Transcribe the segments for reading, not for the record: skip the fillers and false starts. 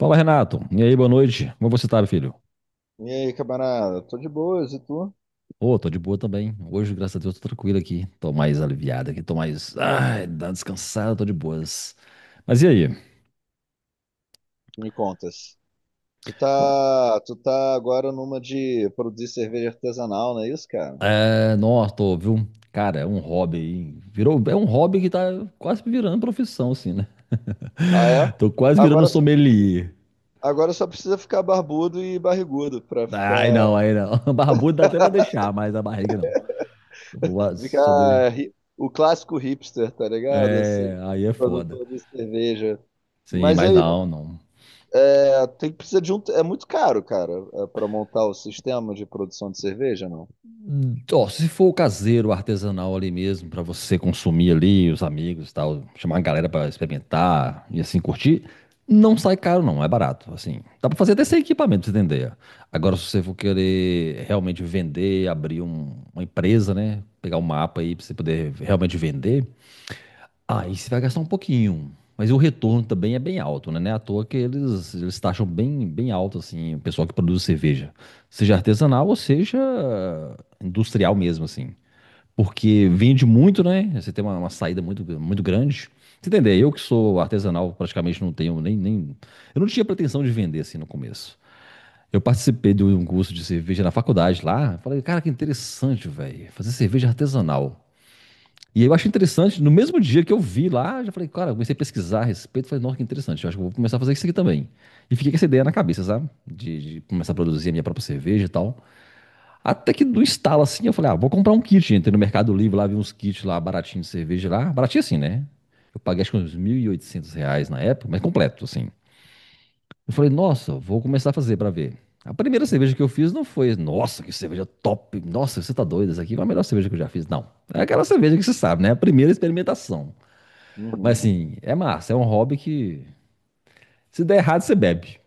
Fala, Renato. E aí, boa noite. Como você tá, meu filho? E aí, camarada? Tô de boas, e tu? Ô, tô de boa também. Hoje, graças a Deus, tô tranquilo aqui. Tô mais aliviado aqui, tô mais. Ai, dá uma descansada, tô de boas. Mas e aí? Que me contas? Tu Ué, tá, tu tá agora numa de produzir cerveja artesanal, não é isso, cara? é, nossa, tô, viu? Cara, é um hobby aí. Virou, é um hobby que tá quase virando profissão, assim, né? Ah, é? Tô quase virando Agora só, sommelier. Agora só precisa ficar barbudo e barrigudo pra Ai, ficar, não, aí não. Barbudo dá até pra deixar, mas a barriga não. Se eu, vou- se eu deixo- o clássico hipster, tá ligado? Assim, É, aí é foda. produtor de cerveja. Sim, Mas mas aí, não, não. Tem que precisar de um, é muito caro, cara, é, pra montar o sistema de produção de cerveja, não? Ó, se for o caseiro, o artesanal ali mesmo, pra você consumir ali, os amigos e tal, chamar a galera pra experimentar e assim curtir, não sai caro não, é barato, assim. Dá pra fazer até sem equipamento, pra você entender. Agora, se você for querer realmente vender, uma empresa, né, pegar um mapa aí pra você poder realmente vender, aí você vai gastar um pouquinho, mas o retorno também é bem alto, né? Não é à toa que eles taxam bem, bem alto, assim, o pessoal que produz cerveja. Seja artesanal ou seja industrial mesmo, assim. Porque vende muito, né? Você tem uma saída muito, muito grande. Você entender, eu que sou artesanal, praticamente não tenho nem. Eu não tinha pretensão de vender, assim, no começo. Eu participei de um curso de cerveja na faculdade lá. Falei, cara, que interessante, velho. Fazer cerveja artesanal. E eu acho interessante, no mesmo dia que eu vi lá, já falei, cara, eu comecei a pesquisar a respeito, falei, nossa, que interessante, eu acho que eu vou começar a fazer isso aqui também. E fiquei com essa ideia na cabeça, sabe? De começar a produzir a minha própria cerveja e tal. Até que do estalo assim, eu falei, ah, vou comprar um kit. Entrei no Mercado Livre lá, vi uns kits lá, baratinho de cerveja lá. Baratinho assim, né? Eu paguei acho que uns R$ 1.800 na época, mas completo, assim. Eu falei, nossa, vou começar a fazer pra ver. A primeira cerveja que eu fiz não foi, nossa, que cerveja top, nossa, você tá doido, essa aqui foi a melhor cerveja que eu já fiz. Não, é aquela cerveja que você sabe, né? A primeira experimentação. Mas Uhum. assim, é massa, é um hobby que se der errado você bebe.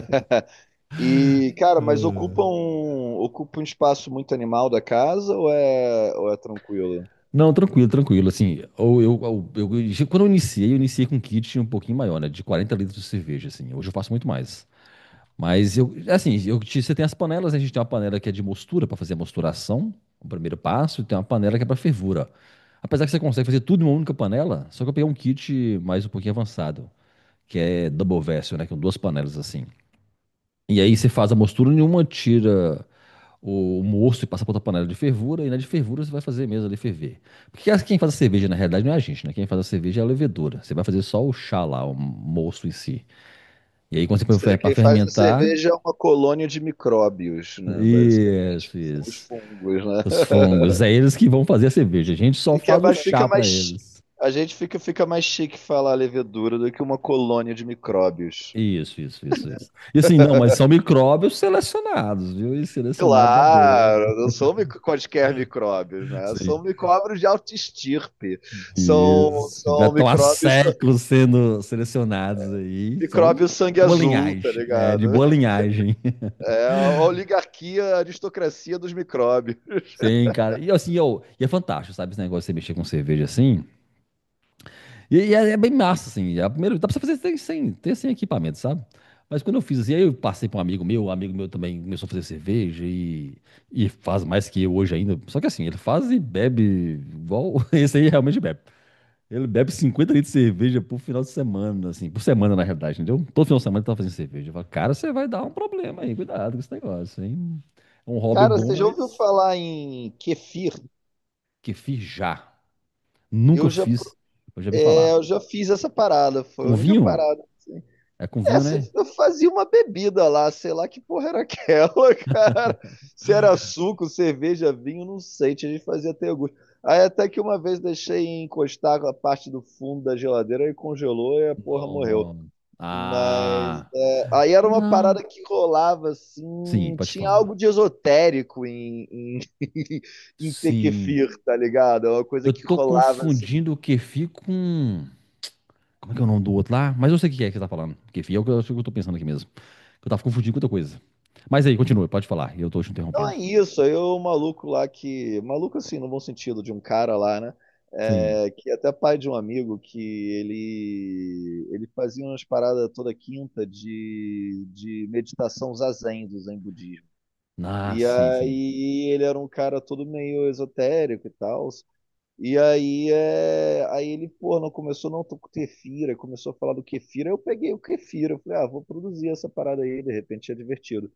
E, cara, mas ocupa um espaço muito animal da casa ou é tranquilo? Ou Não, tranquilo, tranquilo. Assim, ou quando eu iniciei com um kit um pouquinho maior, né? De 40 litros de cerveja, assim. Hoje eu faço muito mais. Mas eu, assim, você tem as panelas, né? A gente tem uma panela que é de mostura para fazer a mosturação, o primeiro passo, e tem uma panela que é para fervura. Apesar que você consegue fazer tudo em uma única panela, só que eu peguei um kit mais um pouquinho avançado, que é double vessel, né? Que são duas panelas assim. E aí você faz a mostura, nenhuma tira o moço e passar para outra panela de fervura, e na de fervura você vai fazer mesmo ali ferver. Porque quem faz a cerveja, na realidade, não é a gente, né? Quem faz a cerveja é a levedura. Você vai fazer só o chá lá, o moço em si. E aí, quando você põe seja, para quem faz a fermentar, cerveja é uma colônia de micróbios, né? Basicamente. isso, São os isso. fungos, né? Os fungos, é eles que vão fazer a cerveja. A gente só que é faz o mais, fica chá mais. para Chi- eles. A gente fica mais chique falar levedura do que uma colônia de micróbios. Isso, isso, isso, isso. E assim, não, mas são micróbios selecionados, viu? E selecionados a dedo. Claro, não são quaisquer micróbios, né? São micróbios de alta estirpe. São, Isso. Já são estão há micróbios, séculos sendo selecionados aí. São de micróbios sangue boa azul, tá linhagem. É, de ligado? boa linhagem. É a oligarquia, a aristocracia dos micróbios. Sim, cara. E assim, e é fantástico, sabe? Esse negócio de você mexer com cerveja assim. E, é bem massa, assim. É a primeira, dá pra você fazer sem equipamento, sabe? Mas quando eu fiz assim, aí eu passei para um amigo meu também começou a fazer cerveja e faz mais que eu hoje ainda. Só que assim, ele faz e bebe igual esse aí realmente bebe. Ele bebe 50 litros de cerveja por final de semana, assim, por semana na realidade, entendeu? Todo final de semana ele tá fazendo cerveja. Eu falo, cara, você vai dar um problema aí, cuidado com esse negócio, hein? É um hobby Cara, bom, você já ouviu mas falar em kefir? que fiz já. Nunca Eu já, fiz, eu já vi é, falar. eu já fiz essa parada, foi a Com única vinho? parada. É com É, vinho, você né? eu fazia uma bebida lá, sei lá que porra era aquela, cara. Se era suco, cerveja, vinho, não sei, tinha gente que fazia até gosto. Aí até que uma vez deixei encostar a parte do fundo da geladeira e congelou e a porra Não. morreu. Não. Mas Ah, aí era uma parada não. que rolava, Sim, assim, pode tinha algo falar. de esotérico em Sim. Tequefir, tá ligado? É uma coisa Eu que tô rolava, assim. confundindo o kefir com... Como é que é o nome do outro lá? Mas eu sei o que é que você tá falando. Kefir é o que eu, acho que eu tô pensando aqui mesmo. Eu tava confundindo com outra coisa. Mas aí, continua, pode falar. Eu tô te Não interrompendo. é isso, aí o maluco lá que... Maluco, assim, no bom sentido, de um cara lá, né? Sim. É, que é até pai de um amigo que ele fazia umas paradas toda quinta de meditação zazen do zen budismo. Ah, E sim, sim. aí ele era um cara todo meio esotérico e tal. E aí, é, aí ele, pô, não começou não, tô com Kefira, começou a falar do Kefira, eu peguei o kefir eu falei, ah, vou produzir essa parada aí, de repente é divertido.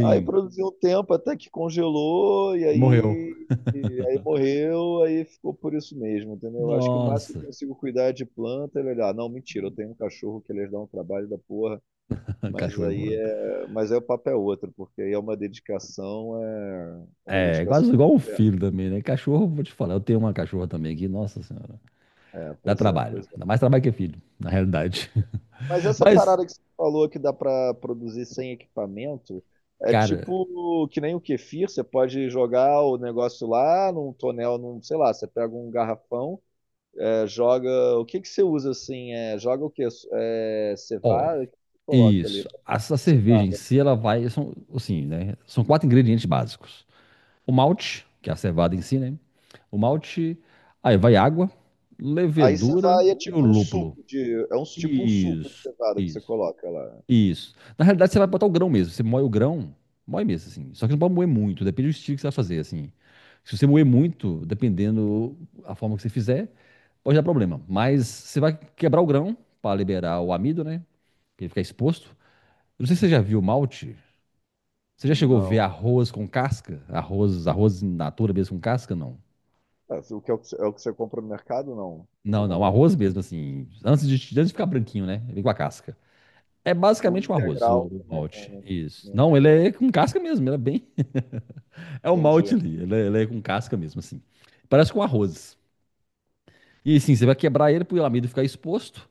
Aí produzi um tempo até que congelou, Morreu. E aí morreu, aí ficou por isso mesmo, entendeu? Eu acho que o máximo que eu Nossa, consigo cuidar é de planta é olhar, não, mentira, eu tenho um cachorro que eles dão um trabalho da porra, mas cachorro é aí foda. é, mas aí o papo é outro, porque aí é uma dedicação, é, é uma É, dedicação. quase igual um É, filho também, né? Cachorro, vou te falar, eu tenho uma cachorra também aqui, nossa senhora. é, Dá pois é, trabalho. pois é. Dá mais trabalho que é filho, na realidade. Mas essa Mas, parada que você falou que dá pra produzir sem equipamento, é cara, tipo que nem o kefir, você pode jogar o negócio lá num tonel, num, sei lá, você pega um garrafão, é, joga, o que que você usa assim? É, joga o quê? É, ó, cevada, o que você coloca ali? isso. Essa cerveja em Cevada. si, ela vai. São, assim, né? São quatro ingredientes básicos. O malte, que é a cevada em si, né? O malte, aí vai água, Aí levedura cevada é e o tipo lúpulo. É um tipo um suco de Isso, cevada que você isso, coloca lá. isso. Na realidade, você vai botar o grão mesmo. Você moe o grão, moe mesmo, assim. Só que não pode moer muito, depende do estilo que você vai fazer, assim. Se você moer muito, dependendo a forma que você fizer, pode dar problema. Mas você vai quebrar o grão para liberar o amido, né? Pra ele ficar exposto. Eu não sei se você já viu o malte. Você já chegou a ver Não. arroz com casca? Arroz, arroz in natura mesmo com casca? Não. É, o que é o que você compra no mercado? Não. Você Não, não, compra no mercado. arroz mesmo, assim. Antes de ficar branquinho, né? Ele com a casca. É O basicamente um arroz, integral o também não, malte. Isso. não é Não, ele legal. é com casca mesmo, ele é bem. É o malte Entendi. ali, ele é com casca mesmo, assim. Parece com arroz. E assim, você vai quebrar ele pro amido ficar exposto.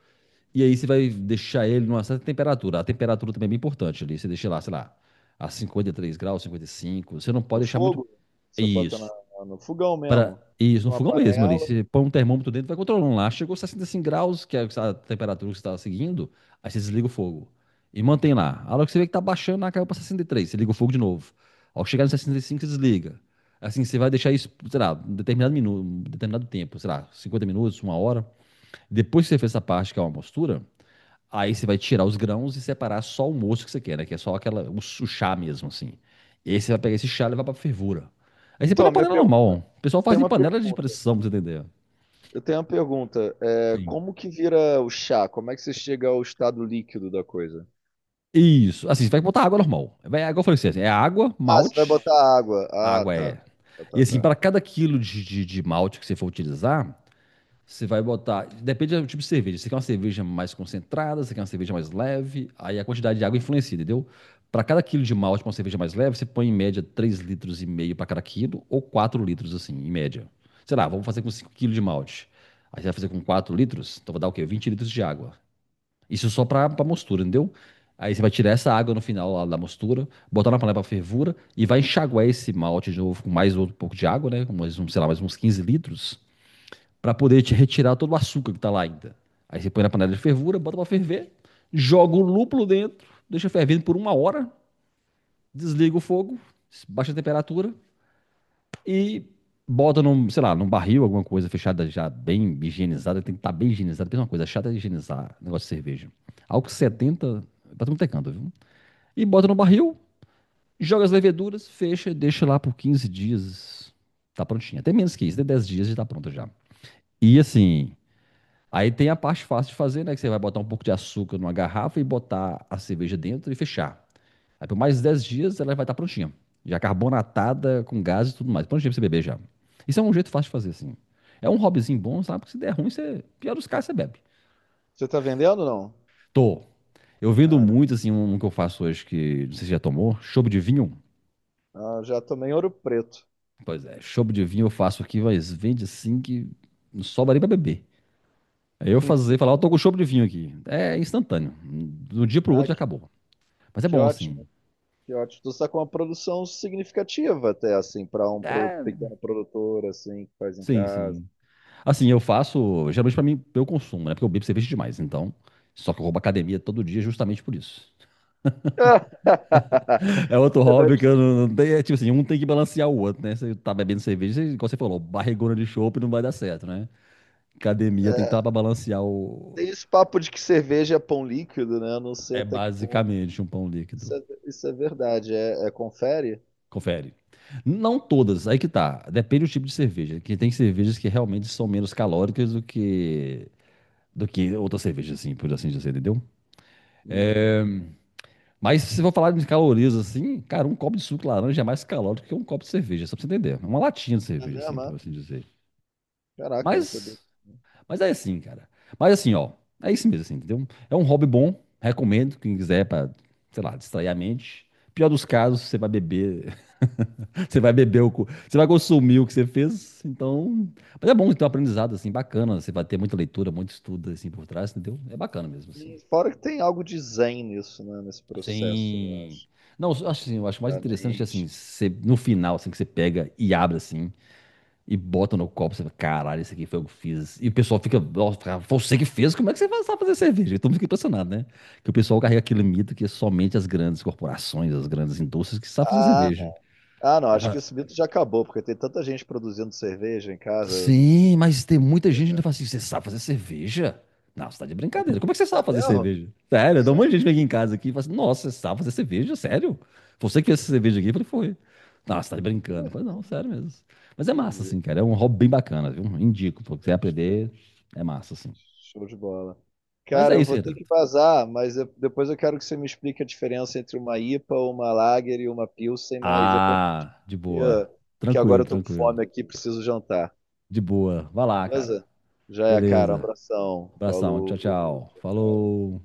E aí você vai deixar ele numa certa temperatura. A temperatura também é bem importante ali. Você deixa lá, sei lá, a 53 graus, 55. Você não No pode deixar muito. fogo? Você bota Isso. na- no fogão Para mesmo. isso, no Uma fogão mesmo ali. panela. Você põe um termômetro dentro, vai controlando lá. Chegou 65 graus, que é a temperatura que você está seguindo, aí você desliga o fogo. E mantém lá. A hora que você vê que tá baixando, lá caiu para 63, você liga o fogo de novo. Ao chegar no 65, você desliga. Assim, você vai deixar isso, sei lá, um determinado minuto, um determinado tempo, sei lá, 50 minutos, uma hora. Depois que você fez essa parte, que é uma mostura, aí você vai tirar os grãos e separar só o moço que você quer, né? Que é só aquela, chá mesmo, assim. E aí você vai pegar esse chá e levar pra fervura. Aí você põe Então, na minha panela normal. pergunta, O pessoal faz tem em uma panela de pergunta. pressão, pra você entender. Eu tenho uma pergunta. É, Sim. como que vira o chá? Como é que você chega ao estado líquido da coisa? Isso. Assim, você vai botar água normal. Vai, água eu falei você, assim, é água, Ah, você vai malte, botar água. Ah, água tá. é. E assim, Tá. para cada quilo de malte que você for utilizar, você vai botar. Depende do tipo de cerveja. Você quer uma cerveja mais concentrada, você quer uma cerveja mais leve. Aí a quantidade de água influencia, entendeu? Para cada quilo de malte, para uma cerveja mais leve, você põe em média 3,5 litros para cada quilo, ou 4 litros, assim, em média. Sei lá, vamos fazer com 5 quilos de malte. Aí você vai fazer com 4 litros, então vai dar o quê? 20 litros de água. Isso só para mostura, entendeu? Aí você vai tirar essa água no final lá da mostura, botar na panela para fervura e vai enxaguar esse malte de novo com mais outro pouco de água, né? Com mais, um, sei lá, mais uns 15 litros para poder te retirar todo o açúcar que está lá ainda. Aí você põe na panela de fervura, bota para ferver, joga o lúpulo dentro, deixa fervendo por uma hora, desliga o fogo, baixa a temperatura e bota num, sei lá, num barril, alguma coisa fechada já bem higienizada, tem que estar tá bem higienizada, porque é uma coisa chata é higienizar negócio de cerveja. Álcool 70, pra tudo tecando, viu? E bota no barril, joga as leveduras, fecha, deixa lá por 15 dias, tá prontinha. Até menos que isso, até 10 dias já tá pronta já. E assim, aí tem a parte fácil de fazer, né? Que você vai botar um pouco de açúcar numa garrafa e botar a cerveja dentro e fechar. Aí por mais 10 dias ela vai estar prontinha. Já carbonatada, com gás e tudo mais. Prontinha pra você beber já. Isso é um jeito fácil de fazer, assim. É um hobbyzinho bom, sabe? Porque se der ruim, você... pior dos casos, você bebe. Você tá vendendo ou não? Tô. Eu vendo Ah, muito, assim, um que eu faço hoje que não sei se já tomou. Chopp de vinho. ah, já tomei ouro preto. Pois é, chopp de vinho eu faço aqui, mas vende assim que não sobra nem pra beber. Aí eu fazer, falar, eu tô com chopp de vinho aqui. É instantâneo. Do dia pro Ah, outro já acabou. Mas é que bom, assim. ótimo, que ótimo. Tu está com uma produção significativa até, assim, para um É, pequeno produtor, assim, que faz em sim, casa. sim. Assim, eu faço, geralmente pra mim, pra eu consumo, né? Porque eu bebo cerveja demais, então. Só que eu vou pra academia todo dia justamente por isso. É outro Você deve- hobby que eu não tenho. É tipo assim, um tem que balancear o outro, né? Você tá bebendo cerveja, você, igual você falou, barrigona de chopp não vai dar certo, né? Academia tem que estar pra balancear o. tem esse papo de que cerveja é pão líquido, né? Eu não sei É até que ponto. basicamente um pão Isso líquido. é, isso é verdade. É, é confere? Confere. Não todas, aí que tá. Depende do tipo de cerveja. Que tem cervejas que realmente são menos calóricas do que. Do que outras cervejas, assim, por assim dizer, entendeu? Uhum. É, mas se for falar de calorias assim, cara, um copo de suco de laranja é mais calórico que um copo de cerveja, só pra você entender. É uma latinha de É cerveja, assim, mesmo? por É? assim dizer. Caraca, eu não sabia. Mas, mas é assim, cara. Mas assim, ó, é isso mesmo, assim, entendeu? É um hobby bom, recomendo, quem quiser pra, sei lá, distrair a mente. Pior dos casos, você vai beber, você vai beber você vai consumir o que você fez, então... Mas é bom ter um aprendizado, assim, bacana, você vai ter muita leitura, muito estudo, assim, por trás, entendeu? É bacana mesmo, assim. E fora que tem algo de zen nisso, né? Nesse processo, eu Sim. acho. Não, eu Eu acho acho, assim, eu acho mais interessante assim, obviamente. você, no final, assim, que você pega e abre assim, e bota no copo, você fala, caralho, isso aqui foi eu que eu fiz. E o pessoal fica, nossa, cara, foi você que fez, como é que você faz- sabe fazer cerveja? E todo mundo fica impressionado, né? Que o pessoal carrega aquele mito que é somente as grandes corporações, as grandes indústrias que sabem fazer Ah, não. cerveja. Ah, não. Acho que esse mito já acabou, porque tem tanta gente produzindo cerveja em casa. Sim, mas tem muita gente que ainda fala assim: você sabe fazer cerveja? Não, você tá de brincadeira. Como é que você É sabe fazer mesmo? cerveja? Sério, dá um Isso é- monte de gente que vem aqui em casa aqui e fala assim: nossa, você sabe fazer cerveja? Sério? Você que fez essa cerveja aqui? Eu falei: foi. Não, você tá de brincando. Eu falei: não, sério mesmo. Mas é massa, entendi. assim, cara. É um hobby bem bacana, viu? Indico. Se você aprender, é massa, assim. Show de bola. Mas Cara, é eu isso, vou ter que Renato. vazar, mas eu- depois eu quero que você me explique a diferença entre uma IPA, uma Lager e uma Pilsen, mas depois Ah, de que, boa. que Tranquilo, agora eu tô com tranquilo. fome aqui, preciso jantar. De boa. Vai lá, cara. Beleza? Já é, cara. Um Beleza. abração. Abração. Falou. Tchau, tchau. Tchau, tchau. Falou.